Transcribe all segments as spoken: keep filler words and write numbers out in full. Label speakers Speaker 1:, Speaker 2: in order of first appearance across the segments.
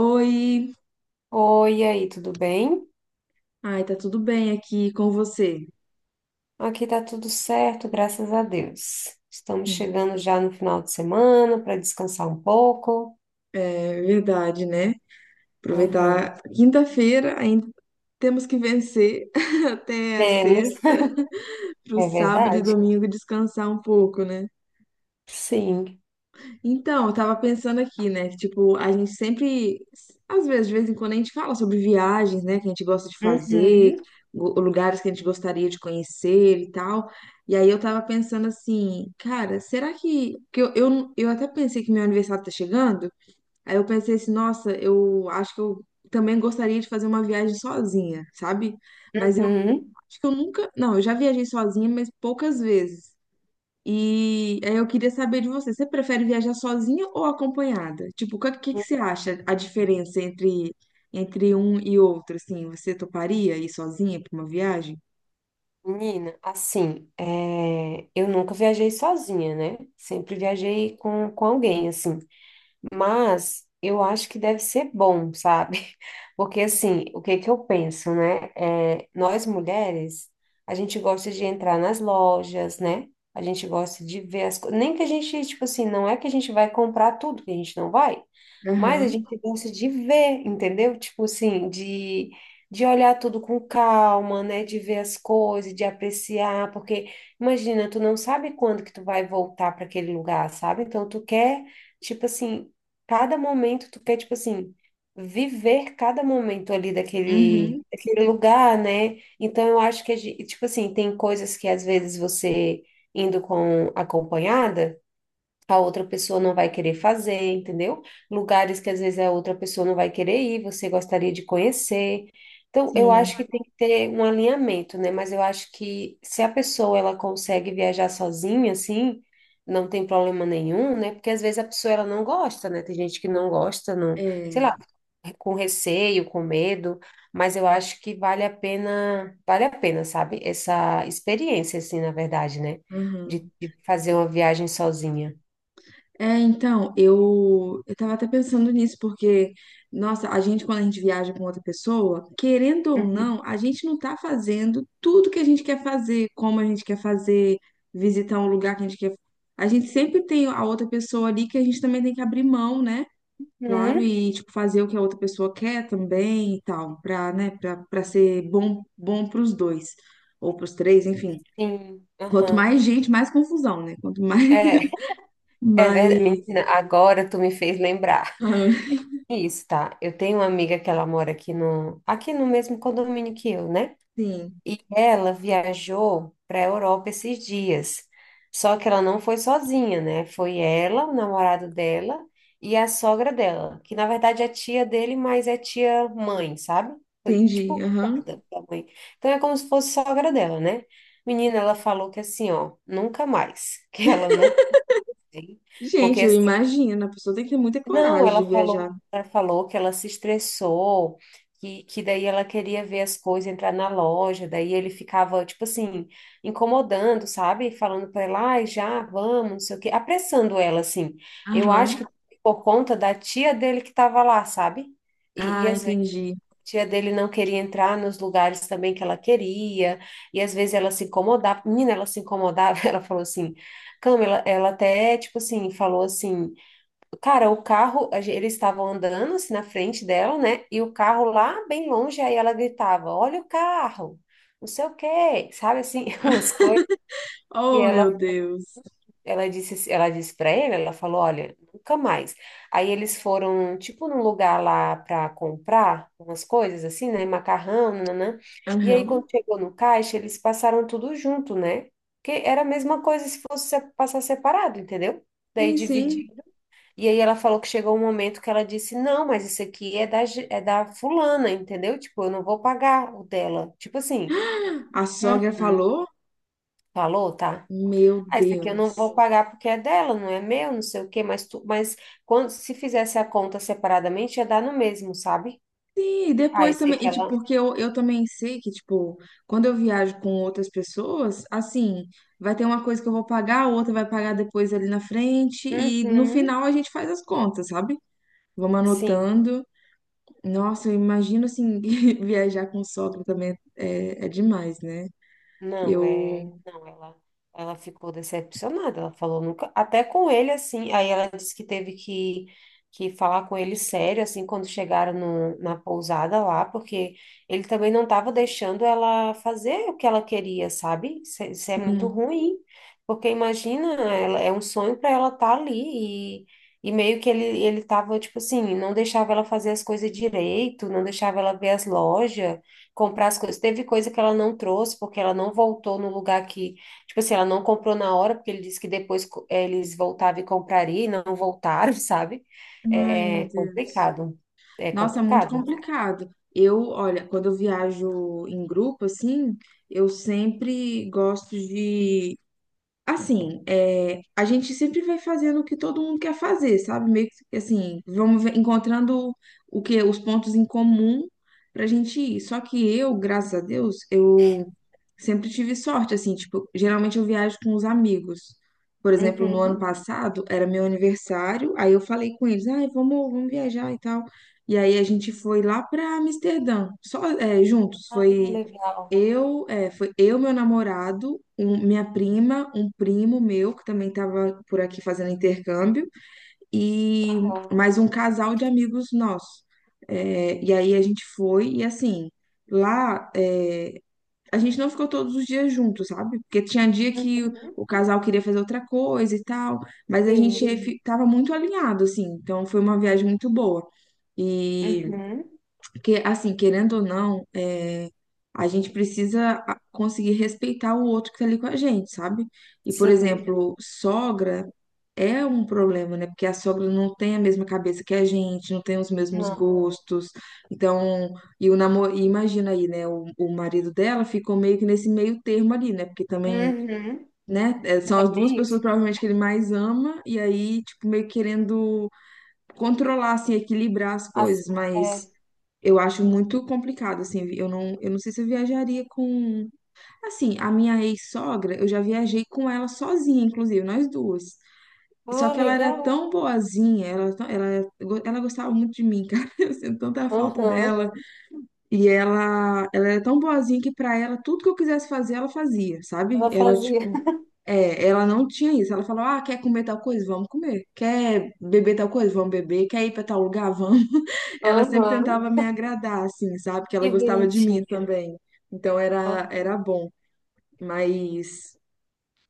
Speaker 1: Oi,
Speaker 2: Oi, e aí, tudo bem?
Speaker 1: ai, tá tudo bem aqui com você?
Speaker 2: Aqui tá tudo certo, graças a Deus. Estamos chegando já no final de semana para descansar um pouco.
Speaker 1: É verdade, né?
Speaker 2: Aham.
Speaker 1: Aproveitar quinta-feira, ainda temos que vencer até a
Speaker 2: É,
Speaker 1: sexta, pro
Speaker 2: é
Speaker 1: sábado e
Speaker 2: verdade?
Speaker 1: domingo descansar um pouco, né?
Speaker 2: Sim.
Speaker 1: Então, eu tava pensando aqui, né? Que, tipo, a gente sempre, às vezes, de vez em quando, a gente fala sobre viagens, né? Que a gente gosta de fazer,
Speaker 2: Uhum,
Speaker 1: gu- lugares que a gente gostaria de conhecer e tal. E aí eu tava pensando assim, cara, será que, que eu, eu, eu até pensei que meu aniversário tá chegando? Aí eu pensei assim, nossa, eu acho que eu também gostaria de fazer uma viagem sozinha, sabe? Mas eu
Speaker 2: uhum.
Speaker 1: acho que eu nunca. Não, eu já viajei sozinha, mas poucas vezes. E aí eu queria saber de você, você prefere viajar sozinha ou acompanhada? Tipo, o que, que que você acha a diferença entre, entre um e outro, assim? Você toparia ir sozinha para uma viagem?
Speaker 2: Menina, assim, é, eu nunca viajei sozinha, né? Sempre viajei com, com alguém, assim. Mas eu acho que deve ser bom, sabe? Porque assim, o que que eu penso, né? É, nós mulheres, a gente gosta de entrar nas lojas, né? A gente gosta de ver as coisas. Nem que a gente, tipo assim, não é que a gente vai comprar tudo, que a gente não vai, mas a
Speaker 1: Aham.
Speaker 2: gente gosta de ver, entendeu? Tipo assim, de, de olhar tudo com calma, né? De ver as coisas, de apreciar, porque imagina, tu não sabe quando que tu vai voltar para aquele lugar, sabe? Então tu quer. Tipo assim, cada momento tu quer, tipo assim, viver cada momento ali daquele,
Speaker 1: Uhum.
Speaker 2: daquele lugar, né? Então eu acho que, a gen- tipo assim, tem coisas que às vezes você indo com acompanhada a outra pessoa não vai querer fazer, entendeu? Lugares que às vezes a outra pessoa não vai querer ir, você gostaria de conhecer. Então, eu
Speaker 1: Sim.
Speaker 2: acho que tem que ter um alinhamento, né? Mas eu acho que se a pessoa ela consegue viajar sozinha, assim, não tem problema nenhum, né? Porque às vezes a pessoa ela não gosta, né? Tem gente que não gosta, não, sei
Speaker 1: É.
Speaker 2: lá, com receio, com medo, mas eu acho que vale a pena, vale a pena, sabe? Essa experiência, assim, na verdade, né? De,
Speaker 1: Aham.
Speaker 2: de fazer uma viagem sozinha.
Speaker 1: É, então, eu, eu tava até pensando nisso, porque, nossa, a gente, quando a gente viaja com outra pessoa, querendo ou não, a gente não tá fazendo tudo que a gente quer fazer, como a gente quer fazer, visitar um lugar que a gente quer. A gente sempre tem a outra pessoa ali que a gente também tem que abrir mão, né? Claro,
Speaker 2: Uhum,
Speaker 1: e, tipo, fazer o que a outra pessoa quer também e tal, pra, né, pra, pra ser bom, bom pros dois, ou pros três, enfim.
Speaker 2: sim,
Speaker 1: Quanto
Speaker 2: aham.
Speaker 1: mais gente, mais confusão, né? Quanto mais,
Speaker 2: É, é verdade.
Speaker 1: mais...
Speaker 2: Menina, agora tu me fez lembrar. Isso, tá? Eu tenho uma amiga que ela mora aqui no, aqui no mesmo condomínio que eu, né?
Speaker 1: Sim.
Speaker 2: E ela viajou para a Europa esses dias. Só que ela não foi sozinha, né? Foi ela, o namorado dela e a sogra dela, que na verdade é tia dele, mas é tia mãe, sabe? Foi
Speaker 1: Entendi.
Speaker 2: tipo
Speaker 1: Aham.
Speaker 2: criada pela mãe. Então é como se fosse sogra dela, né? Menina, ela falou que assim, ó, nunca mais, que ela não tem, porque
Speaker 1: Gente, eu imagino, a pessoa tem que ter muita
Speaker 2: não,
Speaker 1: coragem
Speaker 2: ela
Speaker 1: de viajar.
Speaker 2: falou, ela falou que ela se estressou, que, que daí ela queria ver as coisas entrar na loja, daí ele ficava, tipo assim, incomodando, sabe? Falando para ela, ai, já, vamos, não sei o quê, apressando ela, assim. Eu acho
Speaker 1: Aham.
Speaker 2: que por conta da tia dele que estava lá, sabe? E, e
Speaker 1: Ah,
Speaker 2: às vezes
Speaker 1: entendi.
Speaker 2: a tia dele não queria entrar nos lugares também que ela queria, e às vezes ela se incomodava, menina, ela se incomodava, ela falou assim, Câmara, ela ela até, tipo assim, falou assim. Cara, o carro, a gen- eles estavam andando assim na frente dela, né? E o carro lá bem longe, aí ela gritava: Olha o carro, não sei o quê, sabe assim, umas coisas. E
Speaker 1: Oh,
Speaker 2: ela,
Speaker 1: meu Deus.
Speaker 2: ela disse, assim- ela disse para ele: Ela falou, olha, nunca mais. Aí eles foram, tipo, num lugar lá para comprar umas coisas assim, né? Macarrão, nananã. E aí
Speaker 1: Aham.
Speaker 2: quando chegou no caixa, eles passaram tudo junto, né? Porque era a mesma coisa se fosse se- passar separado, entendeu? Daí
Speaker 1: Sim, sim.
Speaker 2: dividiu. E aí ela falou que chegou um momento que ela disse, não, mas isso aqui é da, ge- é da fulana, entendeu? Tipo, eu não vou pagar o dela. Tipo assim,
Speaker 1: A sogra
Speaker 2: "Uhum,
Speaker 1: falou?
Speaker 2: falou, tá?
Speaker 1: Meu
Speaker 2: Ah, isso aqui eu não
Speaker 1: Deus.
Speaker 2: vou pagar porque é dela, não é meu, não sei o quê, mas tu, mas quando se fizesse a conta separadamente, ia dar no mesmo, sabe?
Speaker 1: Sim, e
Speaker 2: Ah, eu
Speaker 1: depois
Speaker 2: sei
Speaker 1: também,
Speaker 2: que
Speaker 1: e tipo,
Speaker 2: ela.
Speaker 1: porque eu, eu também sei que, tipo, quando eu viajo com outras pessoas, assim, vai ter uma coisa que eu vou pagar, a outra vai pagar depois ali na frente, e no
Speaker 2: Uhum,
Speaker 1: final a gente faz as contas, sabe? Vamos
Speaker 2: sim.
Speaker 1: anotando. Nossa, eu imagino assim, viajar com sogra também é, é demais, né?
Speaker 2: Não, é,
Speaker 1: Eu,
Speaker 2: não, ela, ela ficou decepcionada. Ela falou nunca, até com ele assim. Aí ela disse que teve que, que falar com ele sério assim quando chegaram no, na pousada lá, porque ele também não estava deixando ela fazer o que ela queria, sabe? Isso, é isso é muito
Speaker 1: sim.
Speaker 2: ruim, porque imagina, ela, é um sonho para ela estar ali e E meio que ele, ele tava, tipo assim, não deixava ela fazer as coisas direito, não deixava ela ver as lojas comprar as coisas. Teve coisa que ela não trouxe, porque ela não voltou no lugar que, tipo assim, ela não comprou na hora, porque ele disse que depois co- eh, eles voltavam e comprariam, e não voltaram, sabe?
Speaker 1: Ai, meu
Speaker 2: É
Speaker 1: Deus.
Speaker 2: complicado. É
Speaker 1: Nossa, é muito
Speaker 2: complicado.
Speaker 1: complicado. Eu, olha, quando eu viajo em grupo, assim, eu sempre gosto de. Assim, é, a gente sempre vai fazendo o que todo mundo quer fazer, sabe? Meio que assim, vamos ver- encontrando o que os pontos em comum pra gente ir. Só que eu, graças a Deus, eu sempre tive sorte, assim, tipo, geralmente eu viajo com os amigos. Por exemplo, no ano
Speaker 2: Uhum.
Speaker 1: passado era meu aniversário, aí eu falei com eles, ai, vamos, vamos viajar e tal. E aí a gente foi lá pra Amsterdã, só, é, juntos,
Speaker 2: Ai, que
Speaker 1: foi
Speaker 2: legal.
Speaker 1: eu, é, foi eu, meu namorado, um- minha prima, um primo meu que também estava por aqui fazendo intercâmbio e
Speaker 2: Aham.
Speaker 1: mais um casal de amigos nossos. É, e aí a gente foi e assim, lá é, a gente não ficou todos os dias juntos, sabe? Porque tinha dia que o,
Speaker 2: Uhum.
Speaker 1: o casal queria fazer outra coisa e tal, mas a gente
Speaker 2: Sim.
Speaker 1: estava muito alinhado, assim. Então foi uma viagem muito boa. E
Speaker 2: Uhum.
Speaker 1: porque, assim, querendo ou não, é, a gente precisa a- conseguir respeitar o outro que tá ali com a gente, sabe? E, por
Speaker 2: Sim.
Speaker 1: exemplo, sogra é um problema, né? Porque a sogra não tem a mesma cabeça que a gente, não tem os mesmos
Speaker 2: Não.
Speaker 1: gostos. Então, e o namoro, imagina aí, né? O, o marido dela ficou meio que nesse meio termo ali, né? Porque também,
Speaker 2: Uhum.
Speaker 1: né? É, são
Speaker 2: É
Speaker 1: as duas
Speaker 2: bem
Speaker 1: pessoas
Speaker 2: isso.
Speaker 1: provavelmente que ele mais ama, e aí, tipo, meio que querendo controlar, assim, equilibrar as
Speaker 2: As-
Speaker 1: coisas, mas.
Speaker 2: é.
Speaker 1: Eu acho muito complicado, assim, eu não, eu não sei se eu viajaria com... Assim, a minha ex-sogra, eu já viajei com ela sozinha, inclusive, nós duas. Só
Speaker 2: Ah,
Speaker 1: que ela era
Speaker 2: legal.
Speaker 1: tão boazinha, ela, tão- ela, ela gostava muito de mim, cara, eu sinto tanta falta
Speaker 2: Aham.
Speaker 1: dela. E ela, ela era tão boazinha que pra ela, tudo que eu quisesse fazer, ela fazia, sabe?
Speaker 2: Ela
Speaker 1: Ela,
Speaker 2: fazia.
Speaker 1: é, ela não tinha isso. Ela falou: ah, quer comer tal coisa? Vamos comer. Quer beber tal coisa? Vamos beber. Quer ir pra tal lugar? Vamos. Ela sempre
Speaker 2: Aham.
Speaker 1: tentava me agradar, assim, sabe? Que ela
Speaker 2: Que
Speaker 1: gostava de mim
Speaker 2: bonitinha.
Speaker 1: também. Então era,
Speaker 2: Ah,
Speaker 1: era bom. Mas,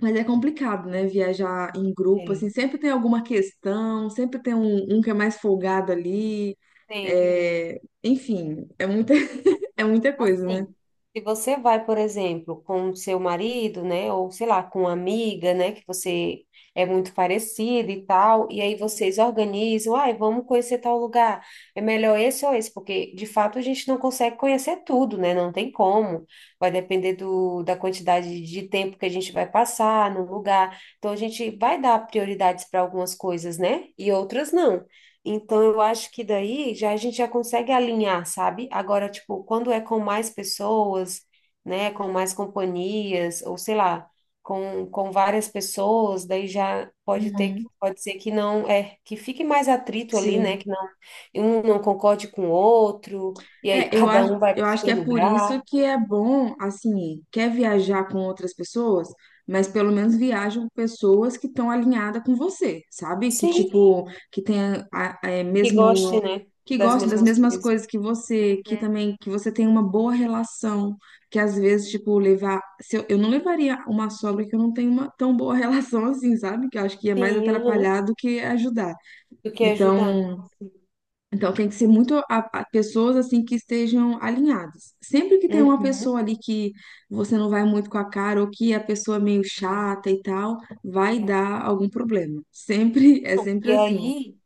Speaker 1: mas é complicado, né? Viajar em grupo, assim,
Speaker 2: é.
Speaker 1: sempre tem alguma questão, sempre tem um, um que é mais folgado ali.
Speaker 2: Sempre.
Speaker 1: É, enfim, é muita,
Speaker 2: Não,
Speaker 1: é muita coisa, né?
Speaker 2: assim, se você vai, por exemplo, com o seu marido, né, ou sei lá, com uma amiga, né, que você é muito parecida e tal, e aí vocês organizam, ai, vamos conhecer tal lugar, é melhor esse ou esse, porque de fato a gente não consegue conhecer tudo, né, não tem como, vai depender do, da quantidade de tempo que a gente vai passar no lugar, então a gente vai dar prioridades para algumas coisas, né, e outras não. Então, eu acho que daí já a gente já consegue alinhar, sabe? Agora, tipo, quando é com mais pessoas, né, com mais companhias, ou sei lá, com, com várias pessoas, daí já pode ter,
Speaker 1: Uhum.
Speaker 2: que- pode ser que não, é, que fique mais atrito ali, né,
Speaker 1: Sim.
Speaker 2: que não, um não concorde com o outro, e aí
Speaker 1: É, eu
Speaker 2: cada
Speaker 1: acho,
Speaker 2: um vai para
Speaker 1: eu
Speaker 2: o
Speaker 1: acho que
Speaker 2: seu
Speaker 1: é por isso
Speaker 2: lugar.
Speaker 1: que é bom, assim, quer viajar com outras pessoas, mas pelo menos viaja com pessoas que estão alinhadas com você, sabe? Que,
Speaker 2: Sim,
Speaker 1: tipo, que tenha a- é,
Speaker 2: que
Speaker 1: mesmo,
Speaker 2: goste, né,
Speaker 1: que
Speaker 2: das
Speaker 1: gostam das
Speaker 2: mesmas
Speaker 1: mesmas
Speaker 2: coisas.
Speaker 1: coisas que você, que
Speaker 2: Uhum.
Speaker 1: também, que você tem uma boa relação, que às vezes, tipo, levar, se eu, eu não levaria uma sogra que eu não tenho uma tão boa relação assim, sabe? Que eu acho que ia mais
Speaker 2: Sim, aham,
Speaker 1: atrapalhar do que ajudar.
Speaker 2: do que ajudar.
Speaker 1: Então,
Speaker 2: Sim.
Speaker 1: então, tem que ser muito a, a- pessoas assim que estejam alinhadas. Sempre que tem uma
Speaker 2: Uhum.
Speaker 1: pessoa ali que você não vai muito com a cara ou que a pessoa é meio chata e tal, vai
Speaker 2: É.
Speaker 1: dar algum problema. Sempre, é
Speaker 2: Não,
Speaker 1: sempre
Speaker 2: e
Speaker 1: assim.
Speaker 2: aí,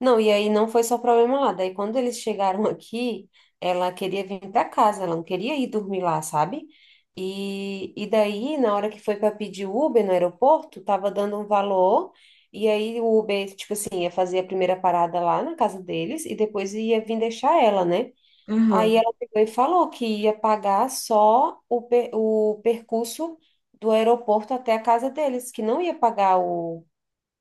Speaker 2: não, e aí não foi só problema lá. Daí quando eles chegaram aqui, ela queria vir para casa, ela não queria ir dormir lá, sabe? E, e daí, na hora que foi para pedir Uber no aeroporto, tava dando um valor, e aí o Uber, tipo assim, ia fazer a primeira parada lá na casa deles e depois ia vir deixar ela, né? Aí
Speaker 1: Aham.
Speaker 2: ela pegou e falou que ia pagar só o, per- o percurso do aeroporto até a casa deles, que não ia pagar o,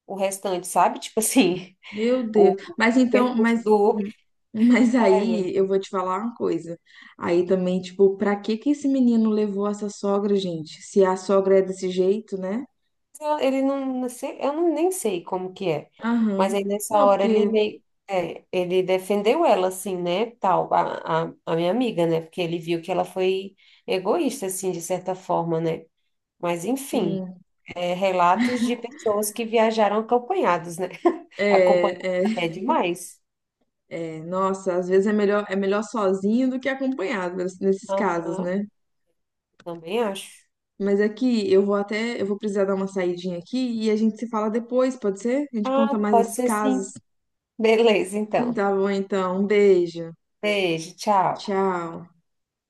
Speaker 2: o restante, sabe? Tipo assim
Speaker 1: Meu
Speaker 2: o
Speaker 1: Deus. Mas então,
Speaker 2: percurso
Speaker 1: mas,
Speaker 2: do Uber.
Speaker 1: mas
Speaker 2: Ai, meu
Speaker 1: aí eu vou
Speaker 2: Deus.
Speaker 1: te falar uma coisa. Aí também, tipo, pra que que esse menino levou essa sogra, gente? Se a sogra é desse jeito, né?
Speaker 2: Eu- ele não, não sei, eu não, nem sei como que é. Mas
Speaker 1: Aham.
Speaker 2: aí nessa
Speaker 1: Não,
Speaker 2: hora
Speaker 1: porque
Speaker 2: ele meio. É, ele defendeu ela, assim, né? Tal, a, a, a minha amiga, né? Porque ele viu que ela foi egoísta, assim, de certa forma, né? Mas enfim,
Speaker 1: sim,
Speaker 2: é, relatos de pessoas que viajaram acompanhados, né? Acompanhados
Speaker 1: é, é.
Speaker 2: até demais.
Speaker 1: É, nossa, às vezes é melhor, é melhor sozinho do que acompanhado nes- nesses casos,
Speaker 2: Aham,
Speaker 1: né?
Speaker 2: também acho.
Speaker 1: Mas aqui eu vou até, eu vou precisar dar uma saidinha aqui e a gente se fala depois, pode ser? A gente conta
Speaker 2: Ah,
Speaker 1: mais
Speaker 2: pode
Speaker 1: esses
Speaker 2: ser
Speaker 1: casos.
Speaker 2: sim. Beleza, então.
Speaker 1: Tá bom, então. Um beijo.
Speaker 2: Beijo, tchau.
Speaker 1: Tchau.